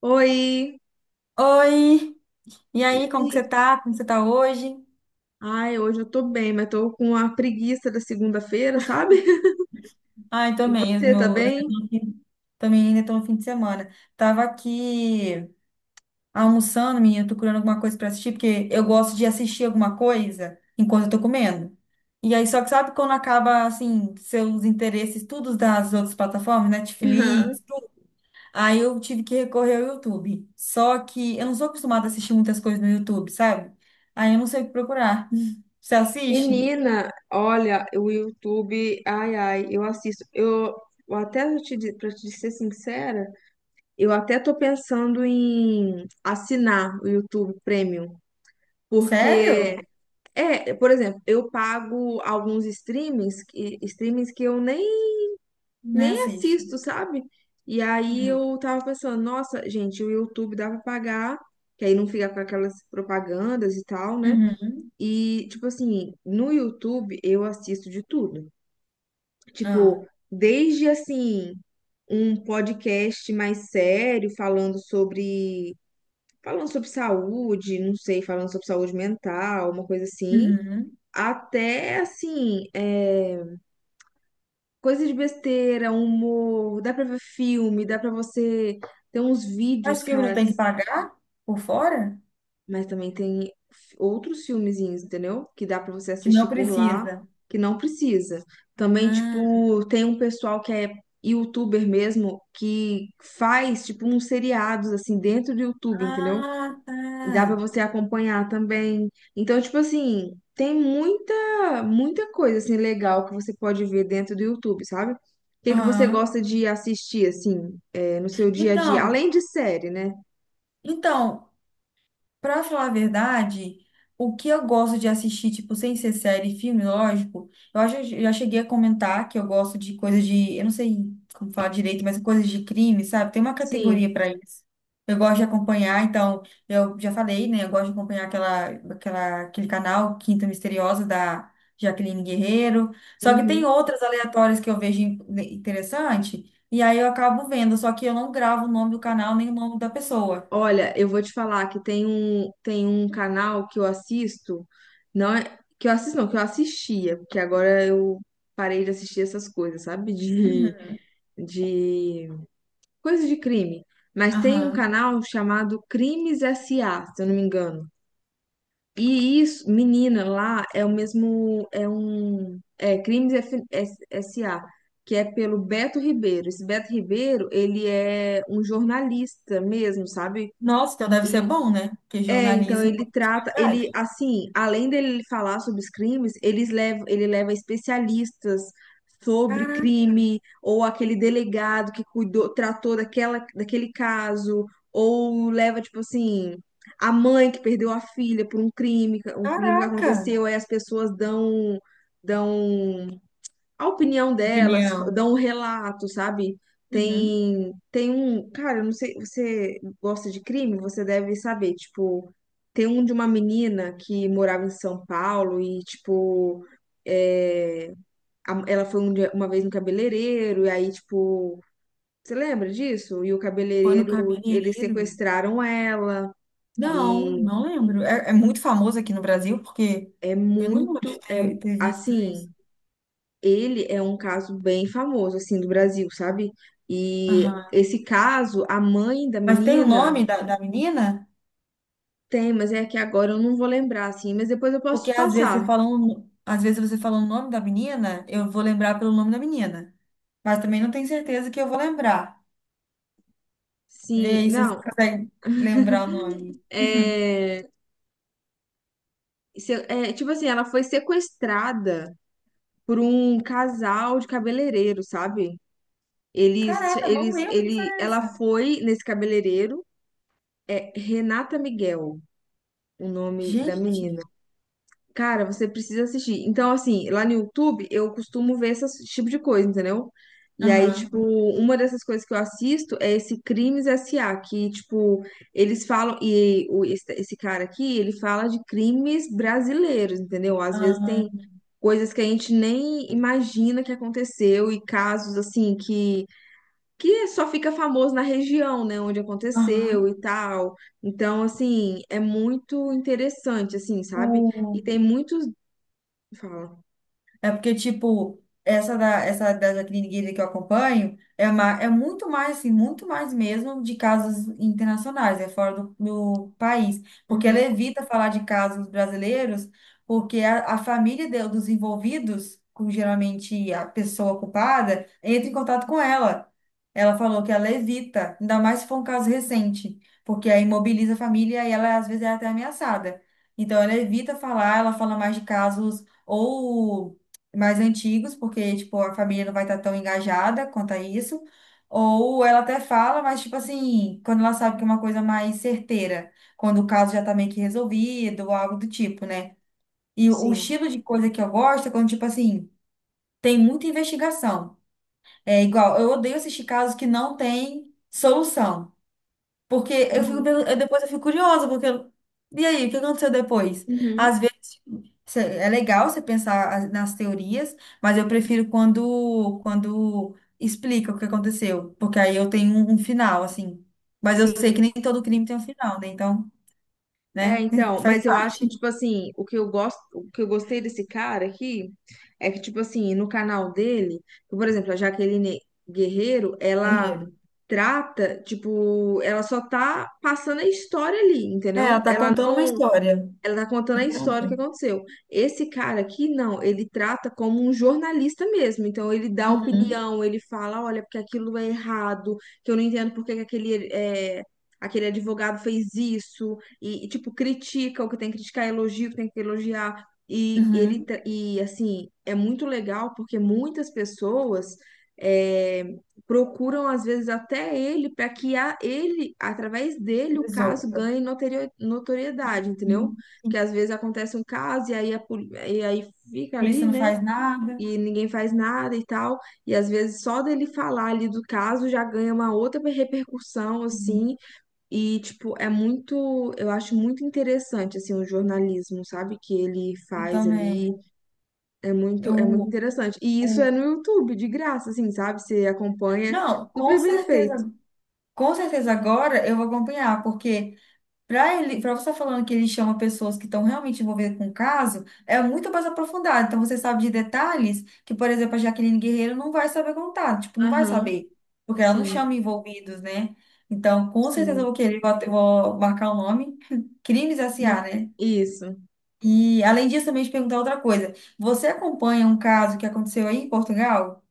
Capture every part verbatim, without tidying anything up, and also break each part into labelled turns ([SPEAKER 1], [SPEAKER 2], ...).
[SPEAKER 1] Oi!
[SPEAKER 2] Oi, e
[SPEAKER 1] E
[SPEAKER 2] aí, como que
[SPEAKER 1] aí?
[SPEAKER 2] você tá? Como você tá hoje?
[SPEAKER 1] Ai, hoje eu tô bem, mas tô com a preguiça da segunda-feira, sabe?
[SPEAKER 2] Ai,
[SPEAKER 1] E
[SPEAKER 2] também,
[SPEAKER 1] você tá
[SPEAKER 2] meu, eu ainda
[SPEAKER 1] bem?
[SPEAKER 2] tô no fim- também ainda tô no fim de semana. Tava aqui almoçando, menina, tô procurando alguma coisa pra assistir, porque eu gosto de assistir alguma coisa enquanto eu tô comendo. E aí, só que sabe quando acaba, assim, seus interesses, todos das outras plataformas,
[SPEAKER 1] Aham.
[SPEAKER 2] Netflix, tudo? Aí eu tive que recorrer ao YouTube. Só que eu não sou acostumada a assistir muitas coisas no YouTube, sabe? Aí eu não sei o que procurar. Você assiste?
[SPEAKER 1] Menina, olha, o YouTube, ai, ai, eu assisto. Eu, eu até vou te, di- pra te ser sincera, eu até tô pensando em assinar o YouTube Premium. Porque,
[SPEAKER 2] Sério?
[SPEAKER 1] é, por exemplo, eu pago alguns streamings, que- streamings que eu nem
[SPEAKER 2] Né,
[SPEAKER 1] nem
[SPEAKER 2] assiste.
[SPEAKER 1] assisto, sabe? E aí
[SPEAKER 2] Uhum.
[SPEAKER 1] eu tava pensando, nossa, gente, o YouTube dá pra pagar, que aí não fica com aquelas propagandas e tal, né?
[SPEAKER 2] Uhum.
[SPEAKER 1] E, tipo assim, no YouTube eu assisto de tudo.
[SPEAKER 2] Ah.
[SPEAKER 1] Tipo, desde assim, um podcast mais sério falando sobre. Falando sobre saúde, não sei, falando sobre saúde mental, uma coisa assim.
[SPEAKER 2] Uhum.
[SPEAKER 1] Até assim, é, coisa de besteira, humor, dá pra ver filme, dá pra você ter uns vídeos,
[SPEAKER 2] Mas filme não
[SPEAKER 1] cara,
[SPEAKER 2] tem que pagar por fora?
[SPEAKER 1] mas também tem f- outros filmezinhos, entendeu? Que dá pra você
[SPEAKER 2] Que
[SPEAKER 1] assistir
[SPEAKER 2] não
[SPEAKER 1] por lá,
[SPEAKER 2] precisa.
[SPEAKER 1] que não precisa. Também,
[SPEAKER 2] Ah,
[SPEAKER 1] tipo, tem um pessoal que é youtuber mesmo, que faz, tipo, uns seriados, assim, dentro do YouTube, entendeu?
[SPEAKER 2] ah,
[SPEAKER 1] Dá pra
[SPEAKER 2] tá.
[SPEAKER 1] você acompanhar também. Então, tipo assim, tem muita, muita coisa assim legal que você pode ver dentro do YouTube, sabe? O que que você
[SPEAKER 2] Aham.
[SPEAKER 1] gosta de assistir assim, é, no seu dia a dia,
[SPEAKER 2] Então,
[SPEAKER 1] além de série, né?
[SPEAKER 2] então, Pra falar a verdade, o que eu gosto de assistir, tipo, sem ser série e filme, lógico, eu acho, eu já cheguei a comentar que eu gosto de coisas de, eu não sei como falar direito, mas coisas de crime, sabe? Tem uma
[SPEAKER 1] Sim.
[SPEAKER 2] categoria pra isso. Eu gosto de acompanhar, então, eu já falei, né? Eu gosto de acompanhar aquela, aquela, aquele canal Quinta Misteriosa da Jaqueline Guerreiro. Só que tem
[SPEAKER 1] Uhum.
[SPEAKER 2] outras aleatórias que eu vejo in- né, interessante, e aí eu acabo vendo, só que eu não gravo o nome do canal nem o nome da pessoa.
[SPEAKER 1] Olha, eu vou te falar que tem um, tem um canal que eu assisto, não é, que eu assisto, não, que eu assistia, porque agora eu parei de assistir essas coisas, sabe? De,
[SPEAKER 2] Uhum.
[SPEAKER 1] de coisa de crime. Mas tem um
[SPEAKER 2] Aham.
[SPEAKER 1] canal chamado Crimes S A, se eu não me engano. E isso, menina, lá é o mesmo, é um, é Crimes F- S- S.A., que é pelo Beto Ribeiro. Esse Beto Ribeiro, ele é um jornalista mesmo, sabe?
[SPEAKER 2] Nossa, então deve ser bom, né? Porque
[SPEAKER 1] É, então
[SPEAKER 2] jornalismo
[SPEAKER 1] ele
[SPEAKER 2] é
[SPEAKER 1] trata, ele
[SPEAKER 2] verdade.
[SPEAKER 1] assim, além dele falar sobre os crimes, eles levam, ele leva especialistas sobre
[SPEAKER 2] Cara-
[SPEAKER 1] crime, ou aquele delegado que cuidou, tratou daquela, daquele caso, ou leva, tipo assim, a mãe que perdeu a filha por um crime, um crime que
[SPEAKER 2] Caraca!
[SPEAKER 1] aconteceu, aí as pessoas dão, dão a opinião delas,
[SPEAKER 2] Opinião.
[SPEAKER 1] dão um relato, sabe?
[SPEAKER 2] Uhum.
[SPEAKER 1] Tem, tem um, cara, eu não sei, você gosta de crime? Você deve saber, tipo, tem um de uma menina que morava em São Paulo e, tipo, é, a- ela foi um dia- uma vez no cabeleireiro e aí, tipo, você lembra disso? E o
[SPEAKER 2] Foi no
[SPEAKER 1] cabeleireiro, eles
[SPEAKER 2] cabeleireiro?
[SPEAKER 1] sequestraram ela
[SPEAKER 2] Não,
[SPEAKER 1] e
[SPEAKER 2] não lembro. É, é muito famoso aqui no Brasil, porque
[SPEAKER 1] é
[SPEAKER 2] eu não lembro de
[SPEAKER 1] muito, é,
[SPEAKER 2] ter, ter visto isso.
[SPEAKER 1] assim... Ele é um caso bem famoso, assim, do Brasil, sabe? E
[SPEAKER 2] Aham.
[SPEAKER 1] esse caso, a mãe da
[SPEAKER 2] Mas tem o
[SPEAKER 1] menina
[SPEAKER 2] nome da, da menina?
[SPEAKER 1] tem, mas é que agora eu não vou lembrar, assim, mas depois eu posso
[SPEAKER 2] Porque
[SPEAKER 1] te
[SPEAKER 2] às vezes você
[SPEAKER 1] passar.
[SPEAKER 2] fala um- às vezes você fala o nome da menina, eu vou lembrar pelo nome da menina. Mas também não tenho certeza que eu vou lembrar. Vê
[SPEAKER 1] Sim,
[SPEAKER 2] aí se você
[SPEAKER 1] não,
[SPEAKER 2] consegue lembrar o nome.
[SPEAKER 1] é, se- é, tipo assim, ela foi sequestrada por um casal de cabeleireiro, sabe? Eles,
[SPEAKER 2] Caraca, não
[SPEAKER 1] eles,
[SPEAKER 2] lembro que história
[SPEAKER 1] ele,
[SPEAKER 2] é
[SPEAKER 1] ela
[SPEAKER 2] essa.
[SPEAKER 1] foi nesse cabeleireiro, é Renata Miguel, o nome da menina.
[SPEAKER 2] Gente.
[SPEAKER 1] Cara, você precisa assistir. Então, assim, lá no YouTube eu costumo ver essas- esse tipo de coisa, entendeu? E aí,
[SPEAKER 2] Aham.
[SPEAKER 1] tipo, uma dessas coisas que eu assisto é esse Crimes S A, que, tipo, eles falam, e o- esse esse cara aqui, ele fala de crimes brasileiros, entendeu? Às vezes
[SPEAKER 2] Ah,
[SPEAKER 1] tem coisas que a gente nem imagina que aconteceu e casos, assim, que, que só fica famoso na região, né, onde
[SPEAKER 2] aham.
[SPEAKER 1] aconteceu e tal. Então, assim, é muito interessante, assim, sabe? E
[SPEAKER 2] O-
[SPEAKER 1] tem muitos. Fala.
[SPEAKER 2] É porque, tipo, essa da, essa da Jacqueline Guilherme que eu acompanho é, uma, é muito mais, assim, muito mais mesmo de casos internacionais, é fora do, do país. Porque ela
[SPEAKER 1] Uhum.
[SPEAKER 2] evita falar de casos brasileiros, porque a, a família de- dos envolvidos, com geralmente a pessoa culpada, entra em contato com ela. Ela falou que ela evita, ainda mais se for um caso recente, porque aí mobiliza a família e ela, às vezes, é até ameaçada. Então, ela evita falar, ela fala mais de casos ou mais antigos, porque, tipo, a família não vai estar tão engajada quanto a isso. Ou ela até fala, mas, tipo assim, quando ela sabe que é uma coisa mais certeira, quando o caso já tá meio que resolvido, ou algo do tipo, né? E o o
[SPEAKER 1] Sim.
[SPEAKER 2] estilo de coisa que eu gosto é quando, tipo assim, tem muita investigação. É igual, eu odeio assistir casos que não tem solução. Porque eu fico,
[SPEAKER 1] Uhum.
[SPEAKER 2] pergun- eu- depois eu fico curiosa, porque eu- e aí, o que aconteceu depois?
[SPEAKER 1] Uhum.
[SPEAKER 2] Às vezes cê- é legal você pensar as- nas teorias, mas eu prefiro quando quando explica o que aconteceu, porque aí eu tenho um, um final, assim. Mas eu sei que
[SPEAKER 1] Sim.
[SPEAKER 2] nem todo crime tem um final, né? Então,
[SPEAKER 1] É,
[SPEAKER 2] né?
[SPEAKER 1] então,
[SPEAKER 2] Faz
[SPEAKER 1] mas eu acho que,
[SPEAKER 2] parte
[SPEAKER 1] tipo assim, o que eu gosto, o que eu gostei desse cara aqui é que, tipo assim, no canal dele, por exemplo, a Jaqueline Guerreiro,
[SPEAKER 2] do
[SPEAKER 1] ela
[SPEAKER 2] enredo.
[SPEAKER 1] trata, tipo, ela só tá passando a história ali,
[SPEAKER 2] É, ela
[SPEAKER 1] entendeu?
[SPEAKER 2] tá
[SPEAKER 1] Ela
[SPEAKER 2] contando uma história.
[SPEAKER 1] Ela tá contando a história que aconteceu. Esse cara aqui, não, ele trata como um jornalista mesmo. Então, ele dá
[SPEAKER 2] Uhum,
[SPEAKER 1] opinião, ele fala, olha, porque aquilo é errado, que eu não entendo porque que aquele, é, aquele advogado fez isso. E, e, tipo, critica o que tem que criticar, elogia o que tem que elogiar. E, ele,
[SPEAKER 2] uhum.
[SPEAKER 1] tra- e, assim, é muito legal porque muitas pessoas... é, procuram às vezes até ele para que a ele através dele o caso
[SPEAKER 2] Resolva.
[SPEAKER 1] ganhe notorio- notoriedade, entendeu?
[SPEAKER 2] Uhum.
[SPEAKER 1] Porque
[SPEAKER 2] Sim.
[SPEAKER 1] às vezes acontece um caso e aí, a poli- e aí
[SPEAKER 2] A
[SPEAKER 1] fica ali,
[SPEAKER 2] polícia não
[SPEAKER 1] né?
[SPEAKER 2] faz nada.
[SPEAKER 1] E ninguém faz nada e tal. E às vezes só dele falar ali do caso já ganha uma outra repercussão,
[SPEAKER 2] Uhum.
[SPEAKER 1] assim. E, tipo, é muito. Eu acho muito interessante, assim, o jornalismo, sabe? Que ele
[SPEAKER 2] Eu
[SPEAKER 1] faz ali.
[SPEAKER 2] também.
[SPEAKER 1] É muito, é muito
[SPEAKER 2] Eu,
[SPEAKER 1] interessante. E isso
[SPEAKER 2] o
[SPEAKER 1] é no YouTube, de graça, assim, sabe? Você acompanha.
[SPEAKER 2] Não, com
[SPEAKER 1] Super bem feito.
[SPEAKER 2] certeza, com certeza agora eu vou acompanhar, porque para ele, para você estar falando que ele chama pessoas que estão realmente envolvidas com o caso, é muito mais aprofundado. Então você sabe de detalhes que, por exemplo, a Jaqueline Guerreiro não vai saber contar, tipo, não vai
[SPEAKER 1] Aham,
[SPEAKER 2] saber, porque ela não
[SPEAKER 1] sim,
[SPEAKER 2] chama envolvidos, né? Então, com certeza eu
[SPEAKER 1] sim.
[SPEAKER 2] vou querer, vou, vou marcar o nome, Crimes
[SPEAKER 1] Hum,
[SPEAKER 2] S A, né?
[SPEAKER 1] isso.
[SPEAKER 2] E além disso, também te perguntar outra coisa. Você acompanha um caso que aconteceu aí em Portugal?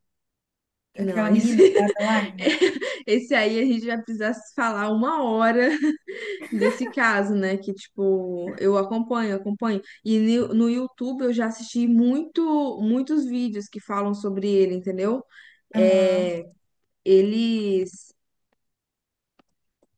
[SPEAKER 1] Não,
[SPEAKER 2] Aquela
[SPEAKER 1] isso.
[SPEAKER 2] menina, a Adeline?
[SPEAKER 1] Esse aí a gente vai precisar se falar uma hora desse caso, né? Que, tipo, eu acompanho, acompanho. E no no YouTube eu já assisti muito, muitos vídeos que falam sobre ele, entendeu?
[SPEAKER 2] Aham.
[SPEAKER 1] É, eles,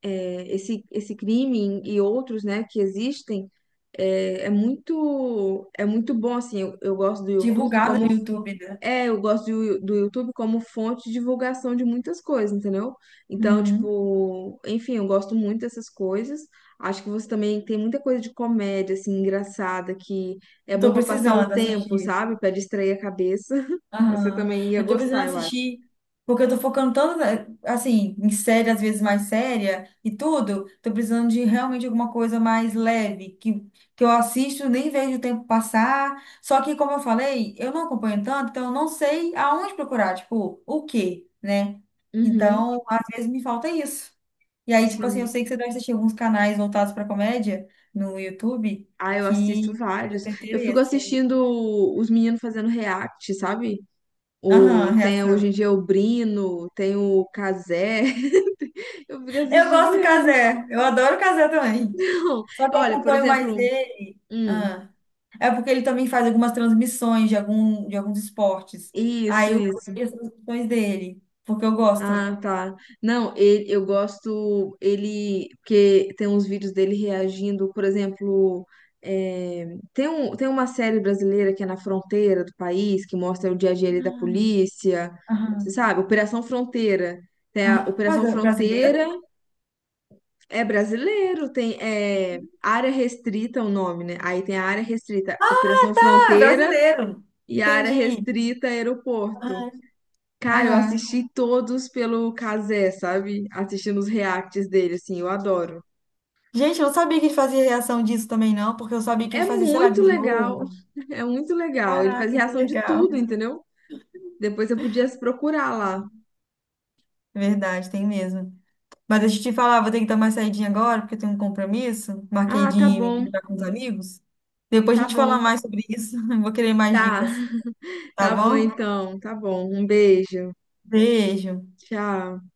[SPEAKER 1] é, esse, esse crime e outros, né, que existem, é, é muito, é muito bom, assim, eu, eu gosto do YouTube
[SPEAKER 2] Divulgado
[SPEAKER 1] como
[SPEAKER 2] no YouTube, né?
[SPEAKER 1] é, eu gosto de Yu- do YouTube como fonte de divulgação de muitas coisas, entendeu? Então,
[SPEAKER 2] Uhum.
[SPEAKER 1] tipo, enfim, eu gosto muito dessas coisas. Acho que você também tem muita coisa de comédia, assim, engraçada, que é
[SPEAKER 2] Eu
[SPEAKER 1] bom
[SPEAKER 2] tô
[SPEAKER 1] pra passar o
[SPEAKER 2] precisando
[SPEAKER 1] tempo,
[SPEAKER 2] assistir.
[SPEAKER 1] sabe? Pra distrair a cabeça. Você
[SPEAKER 2] Aham.
[SPEAKER 1] também ia
[SPEAKER 2] Eu tô
[SPEAKER 1] gostar,
[SPEAKER 2] precisando
[SPEAKER 1] eu acho.
[SPEAKER 2] assistir, porque eu tô focando tanto, eh, assim, em série, às vezes mais séria e tudo. Tô precisando de realmente alguma coisa mais leve, que, que eu assisto, nem vejo o tempo passar. Só que, como eu falei, eu não acompanho tanto, então eu não sei aonde procurar, tipo, o quê, né?
[SPEAKER 1] Uhum,
[SPEAKER 2] Então, às vezes me falta isso. E aí, tipo assim, eu
[SPEAKER 1] sim.
[SPEAKER 2] sei que você deve assistir alguns canais voltados pra comédia no YouTube
[SPEAKER 1] Ah, eu assisto
[SPEAKER 2] que eu
[SPEAKER 1] vários.
[SPEAKER 2] tenho
[SPEAKER 1] Eu fico
[SPEAKER 2] interesse, assim.
[SPEAKER 1] assistindo os meninos fazendo react, sabe? O,
[SPEAKER 2] Aham,
[SPEAKER 1] tem
[SPEAKER 2] reação.
[SPEAKER 1] hoje em dia o Brino, tem o Cazé. Eu fico
[SPEAKER 2] Eu
[SPEAKER 1] assistindo
[SPEAKER 2] gosto do
[SPEAKER 1] eles.
[SPEAKER 2] Cazé, eu adoro o Cazé também.
[SPEAKER 1] Não,
[SPEAKER 2] Só que eu
[SPEAKER 1] olha, por
[SPEAKER 2] acompanho mais
[SPEAKER 1] exemplo,
[SPEAKER 2] ele.
[SPEAKER 1] hum,
[SPEAKER 2] Ah, é porque ele também faz algumas transmissões de, algum, de alguns esportes. Aí
[SPEAKER 1] isso,
[SPEAKER 2] eu
[SPEAKER 1] isso.
[SPEAKER 2] vejo as transmissões dele, porque eu gosto.
[SPEAKER 1] Ah, tá. Não, ele, eu gosto ele porque tem uns vídeos dele reagindo, por exemplo, é, tem um, tem uma série brasileira que é na fronteira do país, que mostra o dia a dia ali da
[SPEAKER 2] Ah,
[SPEAKER 1] polícia,
[SPEAKER 2] aham,
[SPEAKER 1] você sabe? Operação Fronteira. Tem a
[SPEAKER 2] aham. Mas
[SPEAKER 1] Operação
[SPEAKER 2] é
[SPEAKER 1] Fronteira
[SPEAKER 2] brasileiro?
[SPEAKER 1] é brasileiro, tem é, área restrita é o nome, né? Aí tem a área restrita, Operação
[SPEAKER 2] Ah, é
[SPEAKER 1] Fronteira
[SPEAKER 2] brasileiro.
[SPEAKER 1] e a área
[SPEAKER 2] Entendi.
[SPEAKER 1] restrita é aeroporto.
[SPEAKER 2] Aham.
[SPEAKER 1] Cara, eu
[SPEAKER 2] Aham.
[SPEAKER 1] assisti todos pelo Kazé, sabe? Assistindo os reacts dele, assim, eu adoro.
[SPEAKER 2] Gente, eu não sabia que ele fazia reação disso também, não, porque eu sabia que ele
[SPEAKER 1] É
[SPEAKER 2] fazia, sei lá,
[SPEAKER 1] muito
[SPEAKER 2] de
[SPEAKER 1] legal,
[SPEAKER 2] jogo.
[SPEAKER 1] é muito legal. Ele faz
[SPEAKER 2] Caraca, que
[SPEAKER 1] reação de
[SPEAKER 2] legal.
[SPEAKER 1] tudo, entendeu? Depois eu podia se procurar lá.
[SPEAKER 2] É verdade, tem mesmo. Mas deixa eu te falar, vou ter que dar uma saidinha agora, porque eu tenho um compromisso. Marquei
[SPEAKER 1] Ah,
[SPEAKER 2] de
[SPEAKER 1] tá
[SPEAKER 2] me
[SPEAKER 1] bom,
[SPEAKER 2] encontrar com os amigos. Depois a
[SPEAKER 1] tá
[SPEAKER 2] gente fala
[SPEAKER 1] bom,
[SPEAKER 2] mais sobre isso. Vou querer mais
[SPEAKER 1] tá,
[SPEAKER 2] dicas, tá
[SPEAKER 1] tá bom
[SPEAKER 2] bom?
[SPEAKER 1] então, tá bom. Um beijo,
[SPEAKER 2] Beijo.
[SPEAKER 1] tchau.